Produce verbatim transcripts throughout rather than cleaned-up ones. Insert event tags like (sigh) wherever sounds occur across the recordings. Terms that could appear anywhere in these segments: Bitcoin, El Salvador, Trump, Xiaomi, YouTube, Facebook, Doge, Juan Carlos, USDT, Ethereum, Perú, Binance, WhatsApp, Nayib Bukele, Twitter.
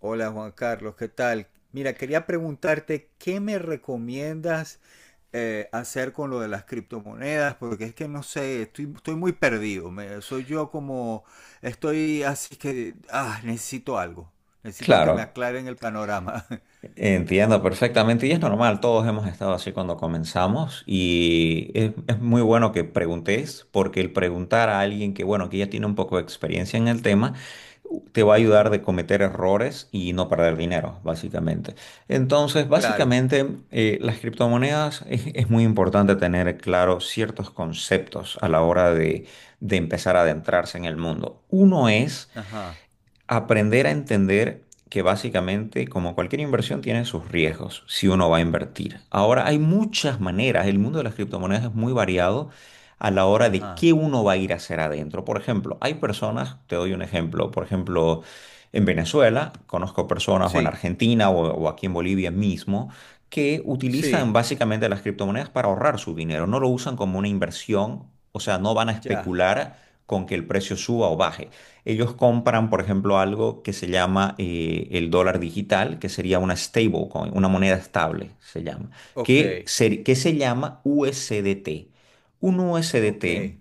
Hola Juan Carlos, ¿qué tal? Mira, quería preguntarte qué me recomiendas eh, hacer con lo de las criptomonedas, porque es que no sé, estoy, estoy muy perdido. Me- soy yo como, estoy así que, ah, necesito algo. Necesito que Claro, me aclaren el panorama. (laughs) entiendo perfectamente y es normal, todos hemos estado así cuando comenzamos y es, es muy bueno que preguntes porque el preguntar a alguien que, bueno, que ya tiene un poco de experiencia en el tema, te va a ayudar Ujú. de cometer errores y no perder dinero, básicamente. Entonces, Claro. básicamente, eh, las criptomonedas es, es muy importante tener claro ciertos conceptos a la hora de, de empezar a adentrarse en el mundo. Uno es... Ajá. Aprender a entender que básicamente, como cualquier inversión, tiene sus riesgos si uno va a invertir. Ahora, hay muchas maneras, el mundo de las criptomonedas es muy variado a la hora de Ajá. qué uno va a ir a hacer adentro. Por ejemplo, hay personas, te doy un ejemplo, por ejemplo, en Venezuela, conozco personas, o en Sí. Argentina, o, o aquí en Bolivia mismo, que utilizan Sí. básicamente las criptomonedas para ahorrar su dinero, no lo usan como una inversión, o sea, no van a Ya. especular con que el precio suba o baje. Ellos compran, por ejemplo, algo que se llama eh, el dólar digital, que sería una stablecoin, una moneda estable, se llama, Ok. que se, que se llama U S D T. Un Ok. U S D T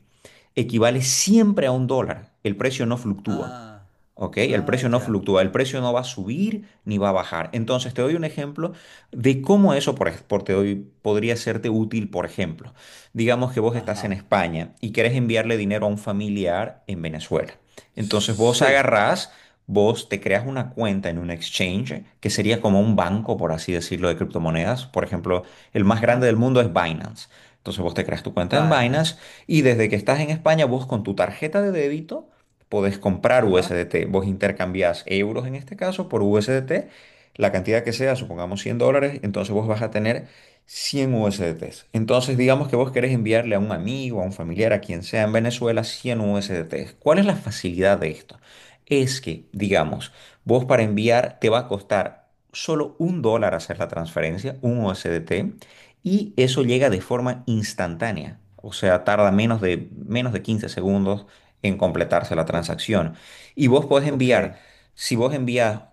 equivale siempre a un dólar. El precio no fluctúa. Ah. ¿Ok? El Ah, precio no ya. fluctúa, el precio no va a subir ni va a bajar. Entonces, te doy un ejemplo de cómo eso, por, ej- por te doy, podría serte útil, por ejemplo. Digamos que vos estás en Ajá. España y querés enviarle dinero a un familiar en Venezuela. Entonces, vos Sí. agarrás, vos te creas una cuenta en un exchange, que sería como un banco, por así decirlo, de criptomonedas. Por ejemplo, el más grande Ajá. del mundo es Binance. Entonces, vos te creas tu cuenta en Binance Binance. y desde que estás en España, vos con tu tarjeta de débito podés comprar Ajá. U S D T. Vos intercambiás euros en este caso por U S D T, la cantidad que sea, supongamos cien dólares, entonces vos vas a tener cien U S D Ts. Entonces digamos que vos querés enviarle a un amigo, a un familiar, a quien sea en Venezuela cien U S D Ts. ¿Cuál es la facilidad de esto? Es que, digamos, vos para enviar te va a costar solo un dólar hacer la transferencia, un U S D T, y eso llega de forma instantánea. O sea, tarda menos de, menos de quince segundos en completarse la O- transacción. Y vos podés ok. enviar, si vos envías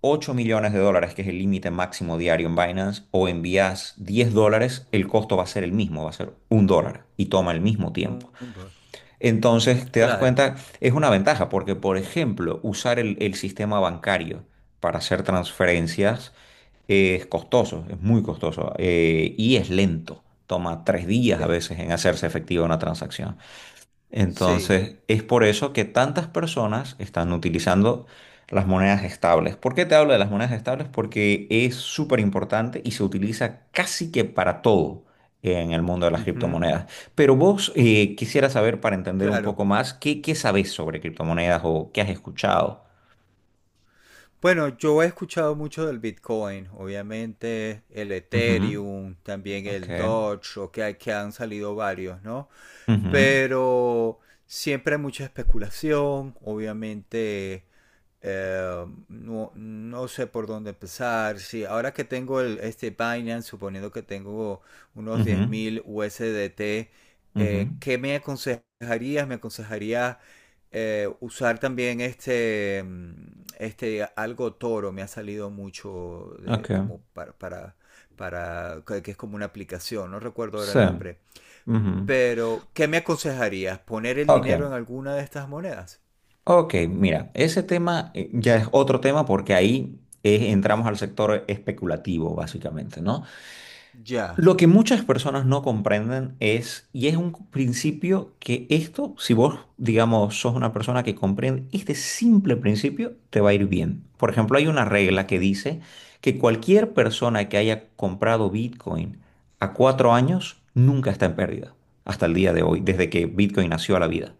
ocho millones de dólares, que es el límite máximo diario en Binance, o envías diez dólares, el costo va a ser el mismo, va a ser un dólar y toma el mismo tiempo. Un, un dólar. Entonces, te das Claro. cuenta, es una ventaja porque, por ejemplo, usar el, el sistema bancario para hacer transferencias es costoso, es muy costoso eh, y es lento. Toma tres días a Eh, veces en hacerse efectiva una transacción. sí. Entonces, es por eso que tantas personas están utilizando las monedas estables. ¿Por qué te hablo de las monedas estables? Porque es súper importante y se utiliza casi que para todo en el mundo de las Ujú. criptomonedas. Pero vos eh, quisiera saber, para entender un Claro. poco más, ¿qué, qué sabés sobre criptomonedas o qué has escuchado? Bueno, yo he escuchado mucho del Bitcoin, obviamente el Ujú. Ethereum, también Ok. el Doge, o que, hay- que han salido varios, ¿no? Ujú. Pero siempre hay mucha especulación, obviamente, eh, no, no sé por dónde empezar. Sí, ahora que tengo el, este Binance, suponiendo que tengo unos Ujú. diez mil U S D T, Ujú. eh, ¿qué me aconsejarías? ¿Me aconsejarías eh, usar también este, mm, este algo toro me ha salido mucho de- Ok. como para, para, para- que que es como una aplicación, no recuerdo ahora Sí. el nombre. Ujú. Pero, ¿qué me aconsejarías? ¿Poner el dinero en Ok. alguna de estas monedas? Ok, mira, ese tema eh, ya es otro tema porque ahí eh, entramos al sector especulativo, básicamente, ¿no? Ya. Lo que muchas personas no comprenden es, y es un principio que esto, si vos, digamos, sos una persona que comprende este simple principio, te va a ir bien. Por ejemplo, hay una regla que Ujú. dice que cualquier persona que haya comprado Bitcoin a cuatro años nunca está en pérdida, hasta el día de hoy, desde que Bitcoin nació a la vida.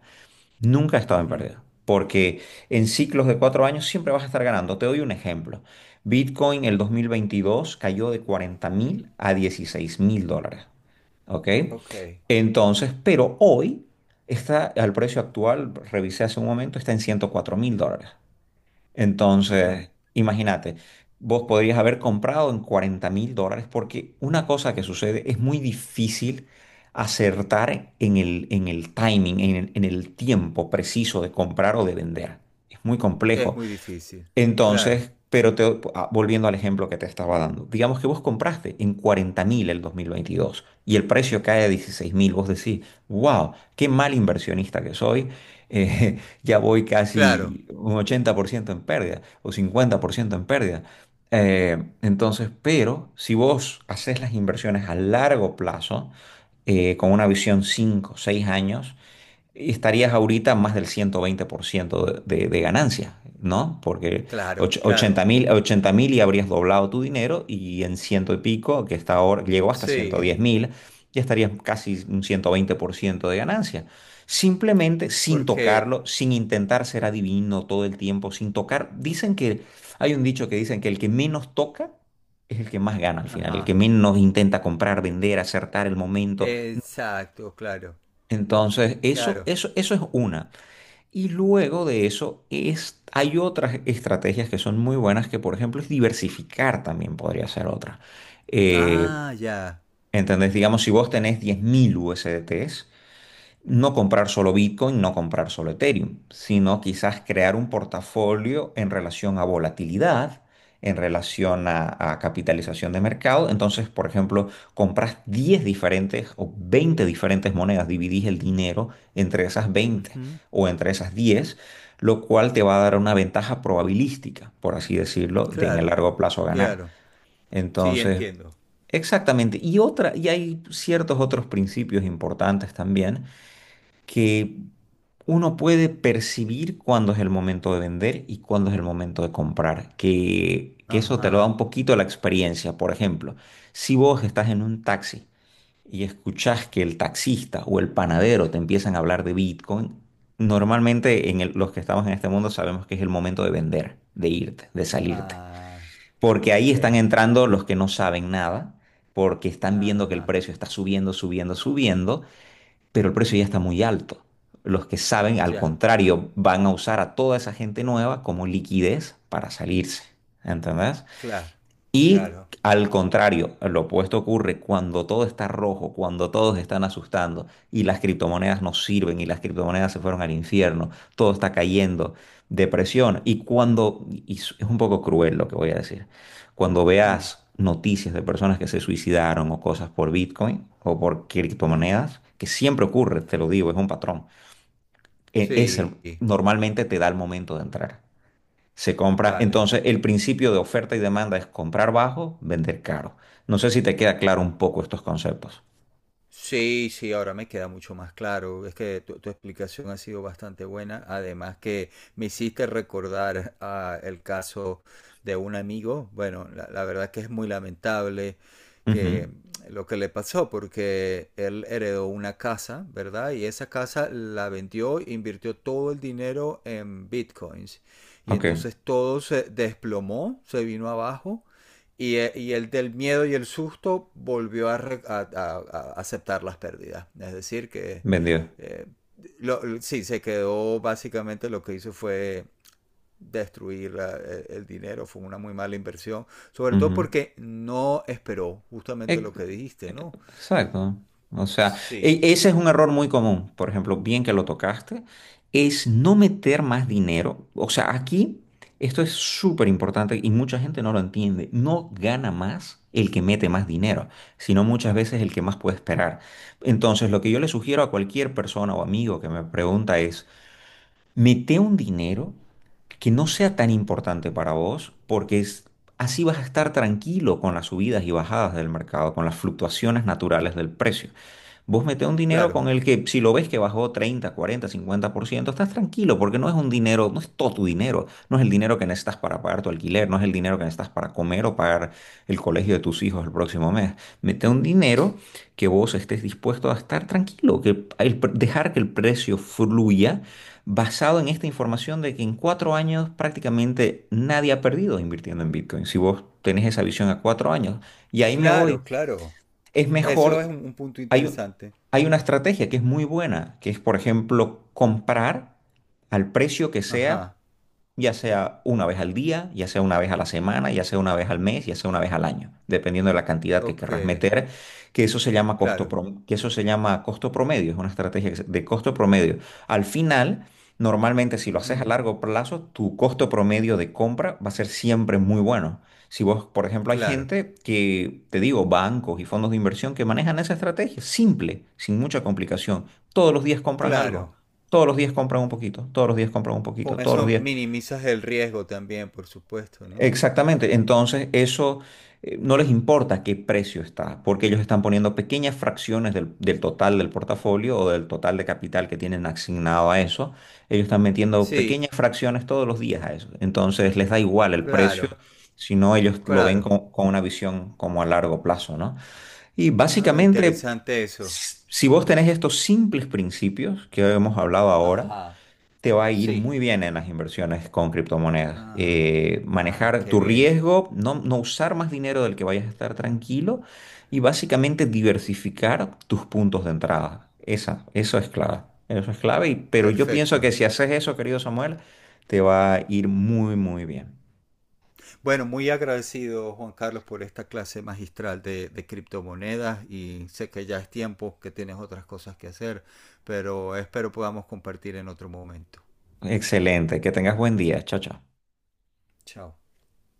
Nunca he estado en Ujú. pérdida, porque en ciclos de cuatro años siempre vas a estar ganando. Te doy un ejemplo. Bitcoin el dos mil veintidós cayó de cuarenta mil a dieciséis mil dólares. ¿Ok? Ok. Entonces, pero hoy está al precio actual, revisé hace un momento, está en ciento cuatro mil dólares. Ujú. Entonces, imagínate, vos podrías haber comprado en cuarenta mil dólares porque una cosa que sucede es muy difícil acertar en el, en el timing, en el, en el tiempo preciso de comprar o de vender. Es muy Es complejo. muy difícil. Claro, Entonces, pero te- ah, volviendo al ejemplo que te estaba dando, digamos que vos compraste en cuarenta mil el dos mil veintidós y el precio cae a dieciséis mil, vos decís, wow, qué mal inversionista que soy, eh, (laughs) ya voy claro, casi un ochenta por ciento en pérdida o cincuenta por ciento en pérdida. Eh, entonces, pero si vos haces las inversiones a largo plazo, eh, con una visión cinco, seis años, estarías ahorita más del ciento veinte por ciento de, de, de ganancia, ¿no? Porque claro, och- claro. 80 mil, 80 mil y habrías doblado tu dinero y en ciento y pico, que está ahora, llegó hasta Sí, 110 mil, ya estarías casi un ciento veinte por ciento de ganancia. Simplemente sin porque… tocarlo, sin intentar ser adivino todo el tiempo, sin tocar. Dicen que, hay un dicho que dicen que el que menos toca es el que más gana al final, el que Ajá. menos intenta comprar, vender, acertar el momento. Exacto, claro, Entonces, eso, claro. eso, eso es una. Y luego de eso es, hay otras estrategias que son muy buenas, que por ejemplo es diversificar también podría ser otra. Eh, Ah, ya. ¿entendés? Digamos, si vos tenés diez mil U S D Ts, no comprar solo Bitcoin, no comprar solo Ethereum, sino quizás crear un portafolio en relación a volatilidad, en relación a, a capitalización de mercado. Entonces, por ejemplo, compras diez diferentes o veinte diferentes monedas, dividís el dinero entre esas veinte Ujú. o entre esas diez lo cual te va a dar una ventaja probabilística, por así decirlo, de en el Claro, largo plazo ganar. claro. Sí, Entonces, entiendo. exactamente. Y otra, y hay ciertos otros principios importantes también que uno puede percibir cuándo es el momento de vender y cuándo es el momento de comprar, que, que eso te lo da Ajá. un poquito la experiencia. Por ejemplo, si vos estás en un taxi y escuchás que el taxista o el panadero te empiezan a hablar de Bitcoin, normalmente en el- los que estamos en este mundo sabemos que es el momento de vender, de irte, de salirte, Ah, porque ahí ok. están entrando los que no saben nada. Porque están viendo que el Ajá. precio está subiendo, subiendo, subiendo, pero el precio ya está muy alto. Los que saben, al Ya. contrario, van a usar a toda esa gente nueva como liquidez para salirse. ¿Entendés? Claro, Y claro. al contrario, lo opuesto ocurre cuando todo está rojo, cuando todos están asustando y las criptomonedas no sirven y las criptomonedas se fueron al infierno, todo está cayendo, depresión. Y cuando, y es es un poco cruel lo que voy a decir, cuando Mm, veas noticias de personas que se suicidaron o cosas por Bitcoin o por mm, criptomonedas, que siempre ocurre, te ujú. lo digo, es un patrón, e- es el- Sí, normalmente te da el momento de entrar. Se compra, vale. entonces el principio de oferta y demanda es comprar bajo, vender caro. No sé si te queda claro un poco estos conceptos. Sí, sí, ahora me queda mucho más claro. Es que tu, tu explicación ha sido bastante buena. Además que me hiciste recordar, ah, el caso de un amigo. Bueno, la, la verdad que es muy lamentable Ujú. que lo que le pasó porque él heredó una casa, ¿verdad? Y esa casa la vendió, invirtió todo el dinero en bitcoins. Y Ok, entonces todo se desplomó, se vino abajo y, e- y el del miedo y el susto volvió a, re- a- a- a aceptar las pérdidas. Es decir, que vendido. eh, lo- l- sí, se quedó. Básicamente, lo que hizo fue destruir la- e- el dinero. Fue una muy mala inversión. Sobre todo Ujú. porque no esperó justamente Eh, lo que dijiste, ¿no? Exacto. O sea, e- Sí, sí. ese es un error muy común. Por ejemplo, bien que lo tocaste, es no meter más dinero. O sea, aquí esto es súper importante y mucha gente no lo entiende. No gana más el que mete más dinero, sino muchas veces el que más puede esperar. Entonces, lo que yo le sugiero a cualquier persona o amigo que me pregunta es, mete un dinero que no sea tan importante para vos, porque es- así vas a estar tranquilo con las subidas y bajadas del mercado, con las fluctuaciones naturales del precio. Vos metés un dinero Claro, con el que, si lo ves que bajó treinta cuarenta cincuenta por ciento estás tranquilo porque no es un dinero, no es todo tu dinero, no es el dinero que necesitas para pagar tu alquiler, no es el dinero que necesitas para comer o pagar el colegio de tus hijos el próximo mes. Mete un dinero que vos estés dispuesto a estar tranquilo, que el pre- dejar que el precio fluya basado en esta información de que en cuatro años prácticamente nadie ha perdido invirtiendo en Bitcoin. Si vos tenés esa visión a cuatro años, y ahí me voy. claro, claro. Es Eso mejor es un, un punto hay, u- interesante. hay una estrategia que es muy buena, que es, por ejemplo, comprar al precio que sea Ajá, ya sea una vez al día, ya sea una vez a la semana, ya sea una vez al mes, ya sea una vez al año, dependiendo de la cantidad que ok, querrás meter, que eso se llama costo claro, prom- que eso se llama costo promedio, es una estrategia que se- de costo promedio. Al final, normalmente si lo haces a ujú, largo plazo, tu costo promedio de compra va a ser siempre muy bueno. Si vos, por ejemplo, hay claro, gente que, te digo, bancos y fondos de inversión que manejan esa estrategia, simple, sin mucha complicación. Todos los días compran algo. claro. Todos los días compran un poquito, todos los días compran un Con poquito, todos los eso días. minimizas el riesgo también, por supuesto, ¿no? Exactamente. Entonces, eso eh, no les importa qué precio está, porque ellos están poniendo pequeñas fracciones del, del total del portafolio o del total de capital que tienen asignado a eso. Ellos están metiendo Sí, pequeñas fracciones todos los días a eso. Entonces, les da igual el precio, claro, sino ellos lo ven claro. con, con una visión como a largo plazo, ¿no? Y Ah, básicamente, interesante eso. si si vos tenés estos simples principios que hemos hablado ahora, Ajá, te va a ir sí. muy bien en las inversiones con criptomonedas. Ah, Eh, ah, manejar qué tu bien. riesgo, no, no usar más dinero del que vayas a estar tranquilo y básicamente diversificar tus puntos de entrada. Esa, eso es clave. Eso es clave, y- pero yo pienso que Perfecto. si haces eso, querido Samuel, te va a ir muy, muy bien. Bueno, muy agradecido, Juan Carlos, por esta clase magistral de, de criptomonedas y sé que ya es tiempo, que tienes otras cosas que hacer, pero espero podamos compartir en otro momento. Excelente, que tengas buen día. Chao, chao. Chao.